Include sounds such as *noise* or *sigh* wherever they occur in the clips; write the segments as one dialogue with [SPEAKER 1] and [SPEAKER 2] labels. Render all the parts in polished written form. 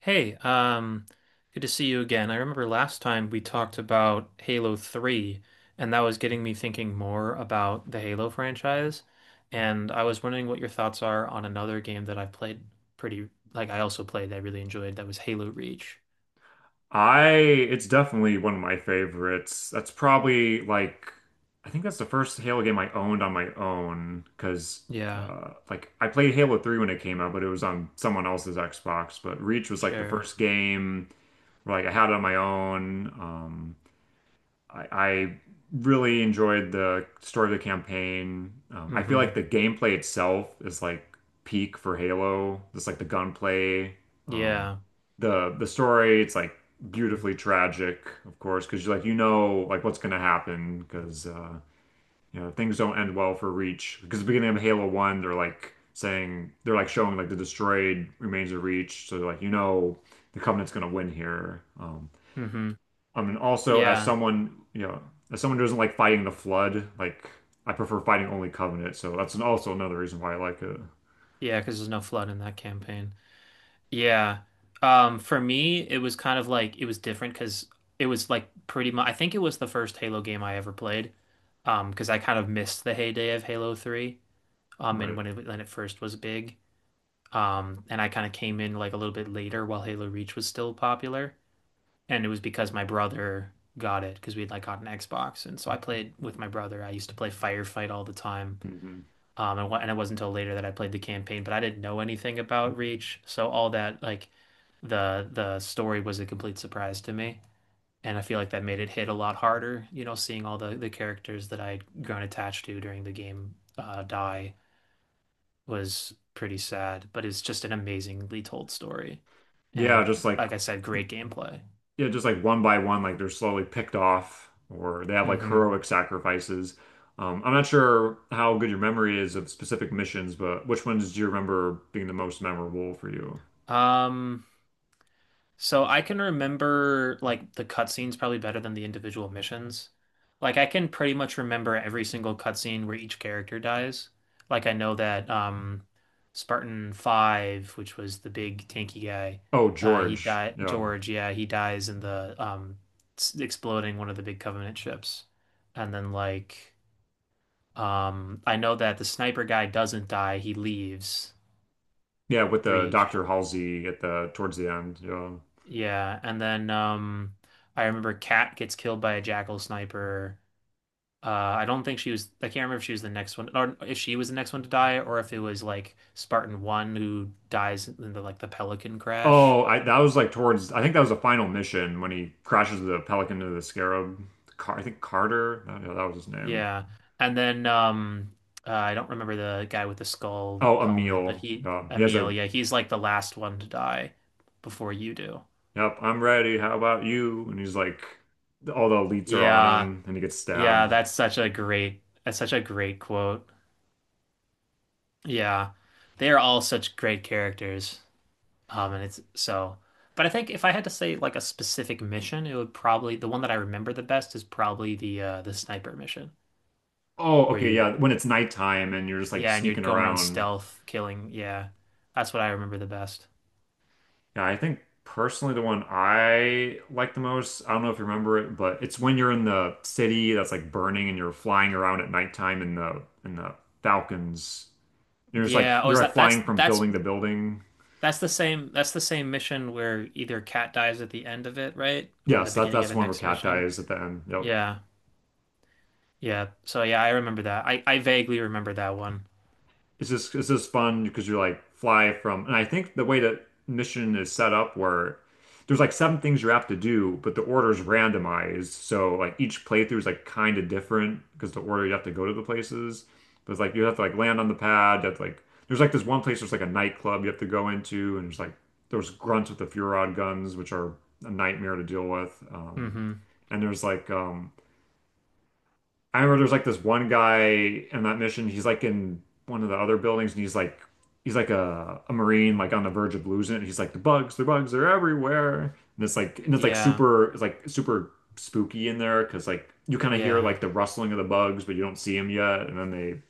[SPEAKER 1] Hey, good to see you again. I remember last time we talked about Halo 3, and that was getting me thinking more about the Halo franchise. And I was wondering what your thoughts are on another game that I played pretty, like I also played, that I really enjoyed, that was Halo Reach.
[SPEAKER 2] I it's definitely one of my favorites. That's probably like I think that's the first Halo game I owned on my own because
[SPEAKER 1] Yeah,
[SPEAKER 2] like I played Halo 3 when it came out, but it was on someone else's Xbox. But Reach was like the
[SPEAKER 1] sure.
[SPEAKER 2] first game where like I had it on my own. I really enjoyed the story of the campaign. I feel like
[SPEAKER 1] Mm-hmm.
[SPEAKER 2] the gameplay itself is like peak for Halo. Just like the gunplay, um,
[SPEAKER 1] Yeah.
[SPEAKER 2] the story. It's like beautifully tragic, of course, because you like you know like what's gonna happen because you know things don't end well for Reach. Because at the beginning of Halo One, they're like saying they're like showing like the destroyed remains of Reach. So like you know the Covenant's gonna win here.
[SPEAKER 1] Mm-hmm.
[SPEAKER 2] I mean, also as
[SPEAKER 1] Yeah.
[SPEAKER 2] someone, you know, as someone who doesn't like fighting the flood, like I prefer fighting only Covenant, so that's an, also another reason why I like it.
[SPEAKER 1] Yeah, because there's no flood in that campaign. Yeah. For me, it was kind of like it was different because it was like pretty much, I think it was the first Halo game I ever played. Because I kind of missed the heyday of Halo 3. And
[SPEAKER 2] Right.
[SPEAKER 1] when it first was big. And I kind of came in like a little bit later while Halo Reach was still popular. And it was because my brother got it because we'd like got an Xbox. And so I played with my brother. I used to play Firefight all the time.
[SPEAKER 2] Hmm.
[SPEAKER 1] And it wasn't until later that I played the campaign, but I didn't know anything about Reach, so all that like the story was a complete surprise to me, and I feel like that made it hit a lot harder. You know, seeing all the characters that I'd grown attached to during the game die was pretty sad, but it's just an amazingly told story,
[SPEAKER 2] Yeah,
[SPEAKER 1] and
[SPEAKER 2] just like
[SPEAKER 1] like I said, great gameplay.
[SPEAKER 2] yeah, just like one by one, like they're slowly picked off, or they have like
[SPEAKER 1] hmm
[SPEAKER 2] heroic sacrifices. I'm not sure how good your memory is of specific missions, but which ones do you remember being the most memorable for you?
[SPEAKER 1] Um, So I can remember like the cutscenes probably better than the individual missions. Like I can pretty much remember every single cutscene where each character dies. Like I know that Spartan 5, which was the big tanky guy,
[SPEAKER 2] Oh,
[SPEAKER 1] he
[SPEAKER 2] George.
[SPEAKER 1] died
[SPEAKER 2] Yeah.
[SPEAKER 1] George, yeah, he dies in the exploding one of the big Covenant ships. And then like I know that the sniper guy doesn't die, he leaves
[SPEAKER 2] Yeah, with the
[SPEAKER 1] Reach.
[SPEAKER 2] Dr. Halsey at the towards the end. Yeah.
[SPEAKER 1] Yeah, and then I remember Kat gets killed by a jackal sniper. I can't remember if she was the next one or if she was the next one to die or if it was like Spartan 1 who dies in the Pelican crash.
[SPEAKER 2] Oh, I that was like towards I think that was the final mission when he crashes the Pelican into the Scarab. Car I think Carter. I don't know, that was his name.
[SPEAKER 1] Yeah. And then I don't remember the guy with the skull
[SPEAKER 2] Oh,
[SPEAKER 1] helmet, but
[SPEAKER 2] Emil.
[SPEAKER 1] he
[SPEAKER 2] He has a
[SPEAKER 1] Emil, yeah, he's like the last one to die before you do.
[SPEAKER 2] yep. I'm ready. How about you? And he's like, all the elites are on
[SPEAKER 1] Yeah.
[SPEAKER 2] him, and he gets
[SPEAKER 1] Yeah,
[SPEAKER 2] stabbed.
[SPEAKER 1] that's such a great quote. Yeah, they are all such great characters. Um, and it's so, but I think if I had to say like a specific mission, it would probably the one that I remember the best is probably the sniper mission
[SPEAKER 2] Oh,
[SPEAKER 1] where
[SPEAKER 2] okay,
[SPEAKER 1] you
[SPEAKER 2] yeah. When it's nighttime and you're just like
[SPEAKER 1] yeah, and you're
[SPEAKER 2] sneaking
[SPEAKER 1] going around
[SPEAKER 2] around.
[SPEAKER 1] stealth killing. Yeah, that's what I remember the best.
[SPEAKER 2] Yeah, I think personally the one I like the most. I don't know if you remember it, but it's when you're in the city that's like burning and you're flying around at nighttime in the Falcons. You're just like
[SPEAKER 1] Yeah. Oh, is
[SPEAKER 2] you're like
[SPEAKER 1] that that's
[SPEAKER 2] flying from
[SPEAKER 1] that's
[SPEAKER 2] building to building.
[SPEAKER 1] that's the same that's the same mission where either Cat dies at the end of it, right? Or the
[SPEAKER 2] Yes, that
[SPEAKER 1] beginning of
[SPEAKER 2] that's the
[SPEAKER 1] the
[SPEAKER 2] one where
[SPEAKER 1] next
[SPEAKER 2] Cat
[SPEAKER 1] mission.
[SPEAKER 2] dies at the end. Yep.
[SPEAKER 1] Yeah. Yeah. So yeah, I remember that. I vaguely remember that one.
[SPEAKER 2] It's just fun because you're like fly from, and I think the way that mission is set up where there's like seven things you have to do, but the order's randomized. So like each playthrough is like kind of different because the order you have to go to the places. But it's like you have to like land on the pad. That's like there's like this one place there's like a nightclub you have to go into, and there's like there's grunts with the Furod guns, which are a nightmare to deal with.
[SPEAKER 1] Mm-hmm.
[SPEAKER 2] And there's like I remember there's like this one guy in that mission. He's like in one of the other buildings, and he's like a marine, like on the verge of losing it. He's like the bugs, they're everywhere, and it's like and it's like
[SPEAKER 1] Yeah.
[SPEAKER 2] super, it's like super spooky in there because like you kind of hear
[SPEAKER 1] Yeah.
[SPEAKER 2] like the rustling of the bugs, but you don't see them yet, and then they.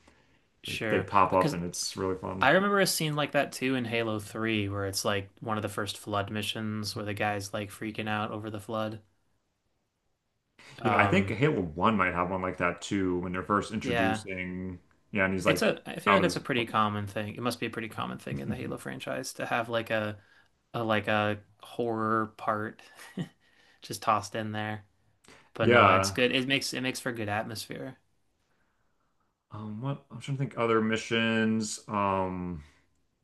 [SPEAKER 2] They
[SPEAKER 1] Sure.
[SPEAKER 2] pop up
[SPEAKER 1] Because
[SPEAKER 2] and it's really fun.
[SPEAKER 1] I remember a scene like that too in Halo 3 where it's like one of the first flood missions where the guy's like freaking out over the flood.
[SPEAKER 2] Yeah, I think
[SPEAKER 1] Um,
[SPEAKER 2] Halo 1 might have one like that too when they're first
[SPEAKER 1] yeah.
[SPEAKER 2] introducing. Yeah, and he's
[SPEAKER 1] It's
[SPEAKER 2] like
[SPEAKER 1] a I feel
[SPEAKER 2] out
[SPEAKER 1] like
[SPEAKER 2] of
[SPEAKER 1] it's
[SPEAKER 2] his.
[SPEAKER 1] a pretty common thing. It must be a pretty common thing in the
[SPEAKER 2] *laughs*
[SPEAKER 1] Halo franchise to have like a horror part *laughs* just tossed in there. But no, it's
[SPEAKER 2] Yeah.
[SPEAKER 1] good. It makes for good atmosphere.
[SPEAKER 2] What I'm trying to think other missions. Um,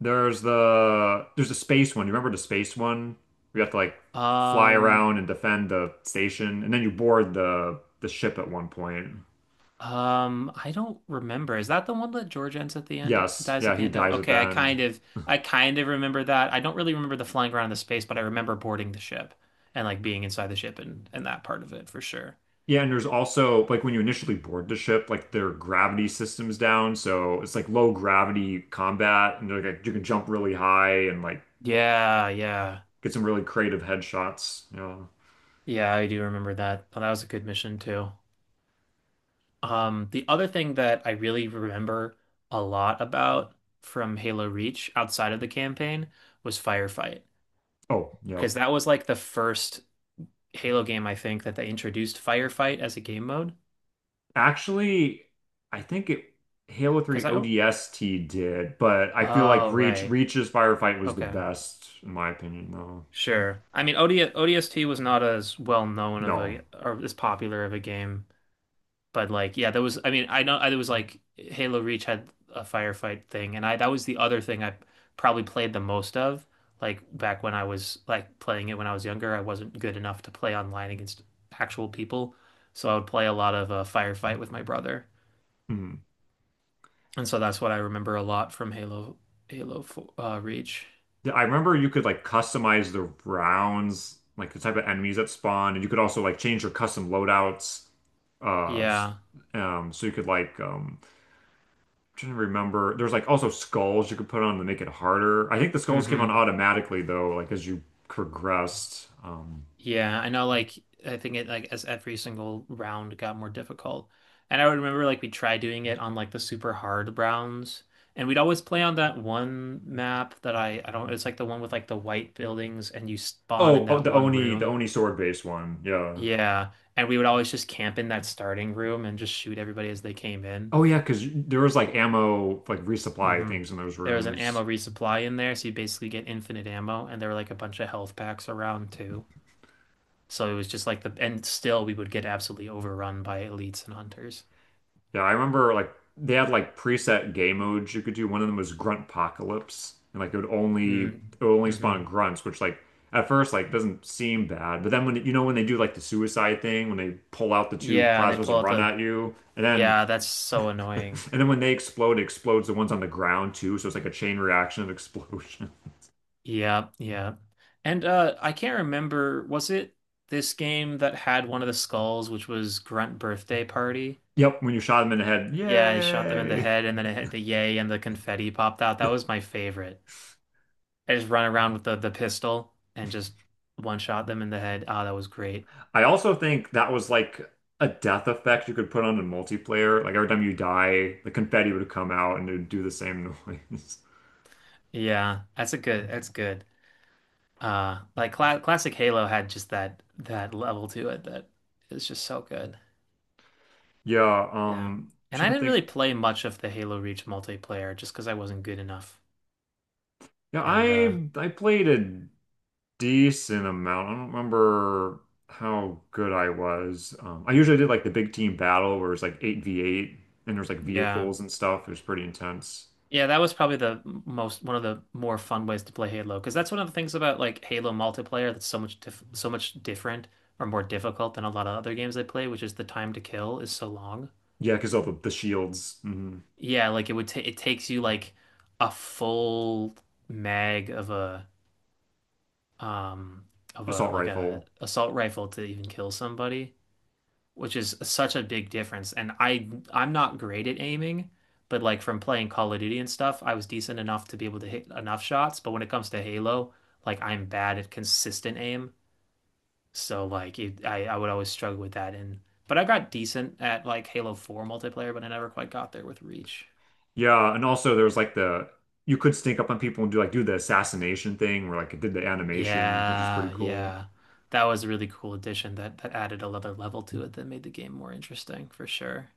[SPEAKER 2] There's the there's the space one. You remember the space one? We have to like fly
[SPEAKER 1] Um
[SPEAKER 2] around and defend the station, and then you board the ship at one point.
[SPEAKER 1] I don't remember. Is that the one that George ends at the end,
[SPEAKER 2] Yes,
[SPEAKER 1] dies
[SPEAKER 2] yeah,
[SPEAKER 1] at the
[SPEAKER 2] he
[SPEAKER 1] end of?
[SPEAKER 2] dies at the
[SPEAKER 1] Okay, I
[SPEAKER 2] end.
[SPEAKER 1] kind of, I kind of remember that. I don't really remember the flying around in the space, but I remember boarding the ship and like being inside the ship and that part of it for sure.
[SPEAKER 2] Yeah, and there's also like when you initially board the ship, like their gravity system's down, so it's like low gravity combat, and they're like you can jump really high and like
[SPEAKER 1] Yeah, yeah,
[SPEAKER 2] get some really creative headshots. Yeah.
[SPEAKER 1] yeah. I do remember that. Well, that was a good mission too. The other thing that I really remember a lot about from Halo Reach outside of the campaign was Firefight,
[SPEAKER 2] Oh, yeah.
[SPEAKER 1] because that was like the first Halo game I think that they introduced Firefight as a game mode.
[SPEAKER 2] Actually, I think it Halo
[SPEAKER 1] Because
[SPEAKER 2] 3
[SPEAKER 1] I don't.
[SPEAKER 2] ODST did, but I feel like
[SPEAKER 1] Oh,
[SPEAKER 2] Reach
[SPEAKER 1] right.
[SPEAKER 2] Reach's firefight was the
[SPEAKER 1] Okay.
[SPEAKER 2] best in my opinion though.
[SPEAKER 1] Sure. I mean, ODST was not as well known of
[SPEAKER 2] No.
[SPEAKER 1] a or as popular of a game, but like, yeah, there was. I mean, I know I, there was like Halo Reach had a firefight thing, and I that was the other thing I probably played the most of. Like back when I was like playing it when I was younger, I wasn't good enough to play online against actual people, so I would play a lot of firefight with my brother,
[SPEAKER 2] Mhm.
[SPEAKER 1] and so that's what I remember a lot from Halo 4, Reach.
[SPEAKER 2] I remember you could like customize the rounds, like the type of enemies that spawn, and you could also like change your custom loadouts. Uh s-
[SPEAKER 1] Yeah.
[SPEAKER 2] so you could like I'm trying to remember there's like also skulls you could put on to make it harder. I think the skulls came on
[SPEAKER 1] hmm
[SPEAKER 2] automatically though, like as you progressed.
[SPEAKER 1] Yeah, I know like I think it like as every single round got more difficult. And I would remember like we tried doing it on like the super hard rounds. And we'd always play on that one map that I don't it's like the one with like the white buildings and you spawn
[SPEAKER 2] Oh,
[SPEAKER 1] in
[SPEAKER 2] oh,
[SPEAKER 1] that
[SPEAKER 2] the
[SPEAKER 1] one
[SPEAKER 2] Oni, the
[SPEAKER 1] room.
[SPEAKER 2] Oni sword based one. Yeah.
[SPEAKER 1] Yeah. And we would always just camp in that starting room and just shoot everybody as they came in.
[SPEAKER 2] Oh yeah, because there was like ammo, like resupply
[SPEAKER 1] hmm
[SPEAKER 2] things in those
[SPEAKER 1] There was an
[SPEAKER 2] rooms.
[SPEAKER 1] ammo resupply in there, so you basically get infinite ammo and there were like a bunch of health packs around too. So it was just like and still we would get absolutely overrun by elites and hunters.
[SPEAKER 2] Yeah, I remember like they had like preset game modes you could do. One of them was Grunt Apocalypse, and like it would only
[SPEAKER 1] Mm.
[SPEAKER 2] it would only spawn
[SPEAKER 1] hmm
[SPEAKER 2] grunts, which like at first like doesn't seem bad, but then when you know when they do like the suicide thing, when they pull out the two
[SPEAKER 1] Yeah, they
[SPEAKER 2] plasmas
[SPEAKER 1] pull
[SPEAKER 2] and
[SPEAKER 1] out
[SPEAKER 2] run at you, and then
[SPEAKER 1] yeah, that's so
[SPEAKER 2] *laughs*
[SPEAKER 1] annoying.
[SPEAKER 2] and then when they explode, it explodes the ones on the ground too, so it's like a chain reaction of explosion. *laughs*
[SPEAKER 1] Yeah, yeah. And I can't remember, was it this game that had one of the skulls, which was Grunt Birthday Party?
[SPEAKER 2] Yep, when you shot them in the head,
[SPEAKER 1] Yeah, I shot them in the
[SPEAKER 2] yay!
[SPEAKER 1] head and then it hit the yay and the confetti popped out. That was my favorite. I just run around with the pistol and just one shot them in the head. Ah, that was great.
[SPEAKER 2] I also think that was like a death effect you could put on a multiplayer. Like every time you die, the confetti would come out and it would do the same noise. *laughs*
[SPEAKER 1] Yeah, that's a good, that's good. Like classic Halo had just that level to it that is just so good.
[SPEAKER 2] Yeah,
[SPEAKER 1] Yeah. And I
[SPEAKER 2] trying to
[SPEAKER 1] didn't really
[SPEAKER 2] think.
[SPEAKER 1] play much of the Halo Reach multiplayer just because I wasn't good enough.
[SPEAKER 2] Yeah,
[SPEAKER 1] And
[SPEAKER 2] I played a decent amount. I don't remember how good I was. I usually did like the big team battle where it's like 8v8 and there's like
[SPEAKER 1] yeah.
[SPEAKER 2] vehicles and stuff. It was pretty intense.
[SPEAKER 1] Yeah, that was probably the most one of the more fun ways to play Halo because that's one of the things about like Halo multiplayer that's so much different or more difficult than a lot of other games I play, which is the time to kill is so long.
[SPEAKER 2] Yeah, because all the shields, hmm.
[SPEAKER 1] Yeah, like it would ta it takes you like a full mag um of a
[SPEAKER 2] Assault
[SPEAKER 1] like a
[SPEAKER 2] rifle.
[SPEAKER 1] assault rifle to even kill somebody, which is such a big difference. And I'm not great at aiming, but like from playing Call of Duty and stuff, I was decent enough to be able to hit enough shots. But when it comes to Halo, like I'm bad at consistent aim, so like it, I would always struggle with that. And but I got decent at like Halo 4 multiplayer, but I never quite got there with Reach.
[SPEAKER 2] Yeah, and also there was like the you could sneak up on people and do like do the assassination thing where like it did the animation, which is pretty
[SPEAKER 1] Yeah,
[SPEAKER 2] cool.
[SPEAKER 1] yeah. That was a really cool addition that added another level to it that made the game more interesting for sure.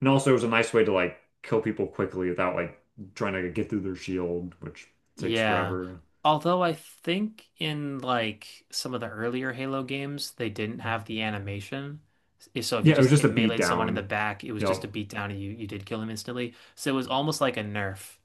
[SPEAKER 2] And also it was a nice way to like kill people quickly without like trying to get through their shield, which takes
[SPEAKER 1] Yeah.
[SPEAKER 2] forever.
[SPEAKER 1] Although I think in like some of the earlier Halo games, they didn't have the animation. So if you
[SPEAKER 2] Yeah, it was
[SPEAKER 1] just
[SPEAKER 2] just a
[SPEAKER 1] hit
[SPEAKER 2] beat
[SPEAKER 1] meleeed someone in the
[SPEAKER 2] down.
[SPEAKER 1] back, it was just
[SPEAKER 2] Yep.
[SPEAKER 1] a beatdown and you did kill him instantly. So it was almost like a nerf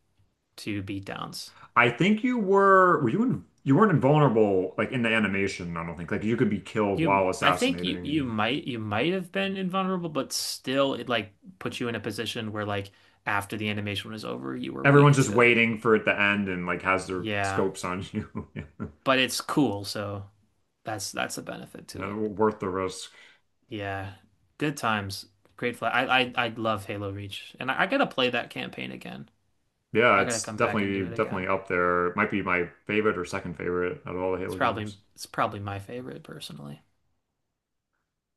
[SPEAKER 1] to beatdowns.
[SPEAKER 2] I think you weren't invulnerable like in the animation, I don't think. Like you could be killed while
[SPEAKER 1] I think
[SPEAKER 2] assassinating.
[SPEAKER 1] you might have been invulnerable, but still it like put you in a position where like after the animation was over, you were
[SPEAKER 2] Everyone's
[SPEAKER 1] weak
[SPEAKER 2] just
[SPEAKER 1] to.
[SPEAKER 2] waiting for it to end and like has their
[SPEAKER 1] Yeah.
[SPEAKER 2] scopes on you. *laughs*
[SPEAKER 1] But it's cool, so that's a benefit to
[SPEAKER 2] Yeah,
[SPEAKER 1] it.
[SPEAKER 2] worth the risk.
[SPEAKER 1] Yeah, good times. Great flag. I love Halo Reach, and I gotta play that campaign again.
[SPEAKER 2] Yeah,
[SPEAKER 1] I gotta
[SPEAKER 2] it's
[SPEAKER 1] come back and do
[SPEAKER 2] definitely
[SPEAKER 1] it
[SPEAKER 2] definitely
[SPEAKER 1] again.
[SPEAKER 2] up there. It might be my favorite or second favorite out of all the
[SPEAKER 1] It's
[SPEAKER 2] Halo
[SPEAKER 1] probably
[SPEAKER 2] games.
[SPEAKER 1] it's probably my favorite personally.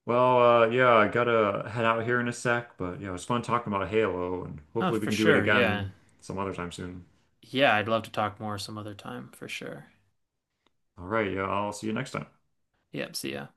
[SPEAKER 2] Well, yeah, I gotta head out here in a sec, but yeah, it was fun talking about Halo, and
[SPEAKER 1] Oh,
[SPEAKER 2] hopefully we
[SPEAKER 1] for
[SPEAKER 2] can do it
[SPEAKER 1] sure. Yeah,
[SPEAKER 2] again some other time soon.
[SPEAKER 1] yeah. I'd love to talk more some other time for sure.
[SPEAKER 2] All right, yeah, I'll see you next time.
[SPEAKER 1] Yep. See ya.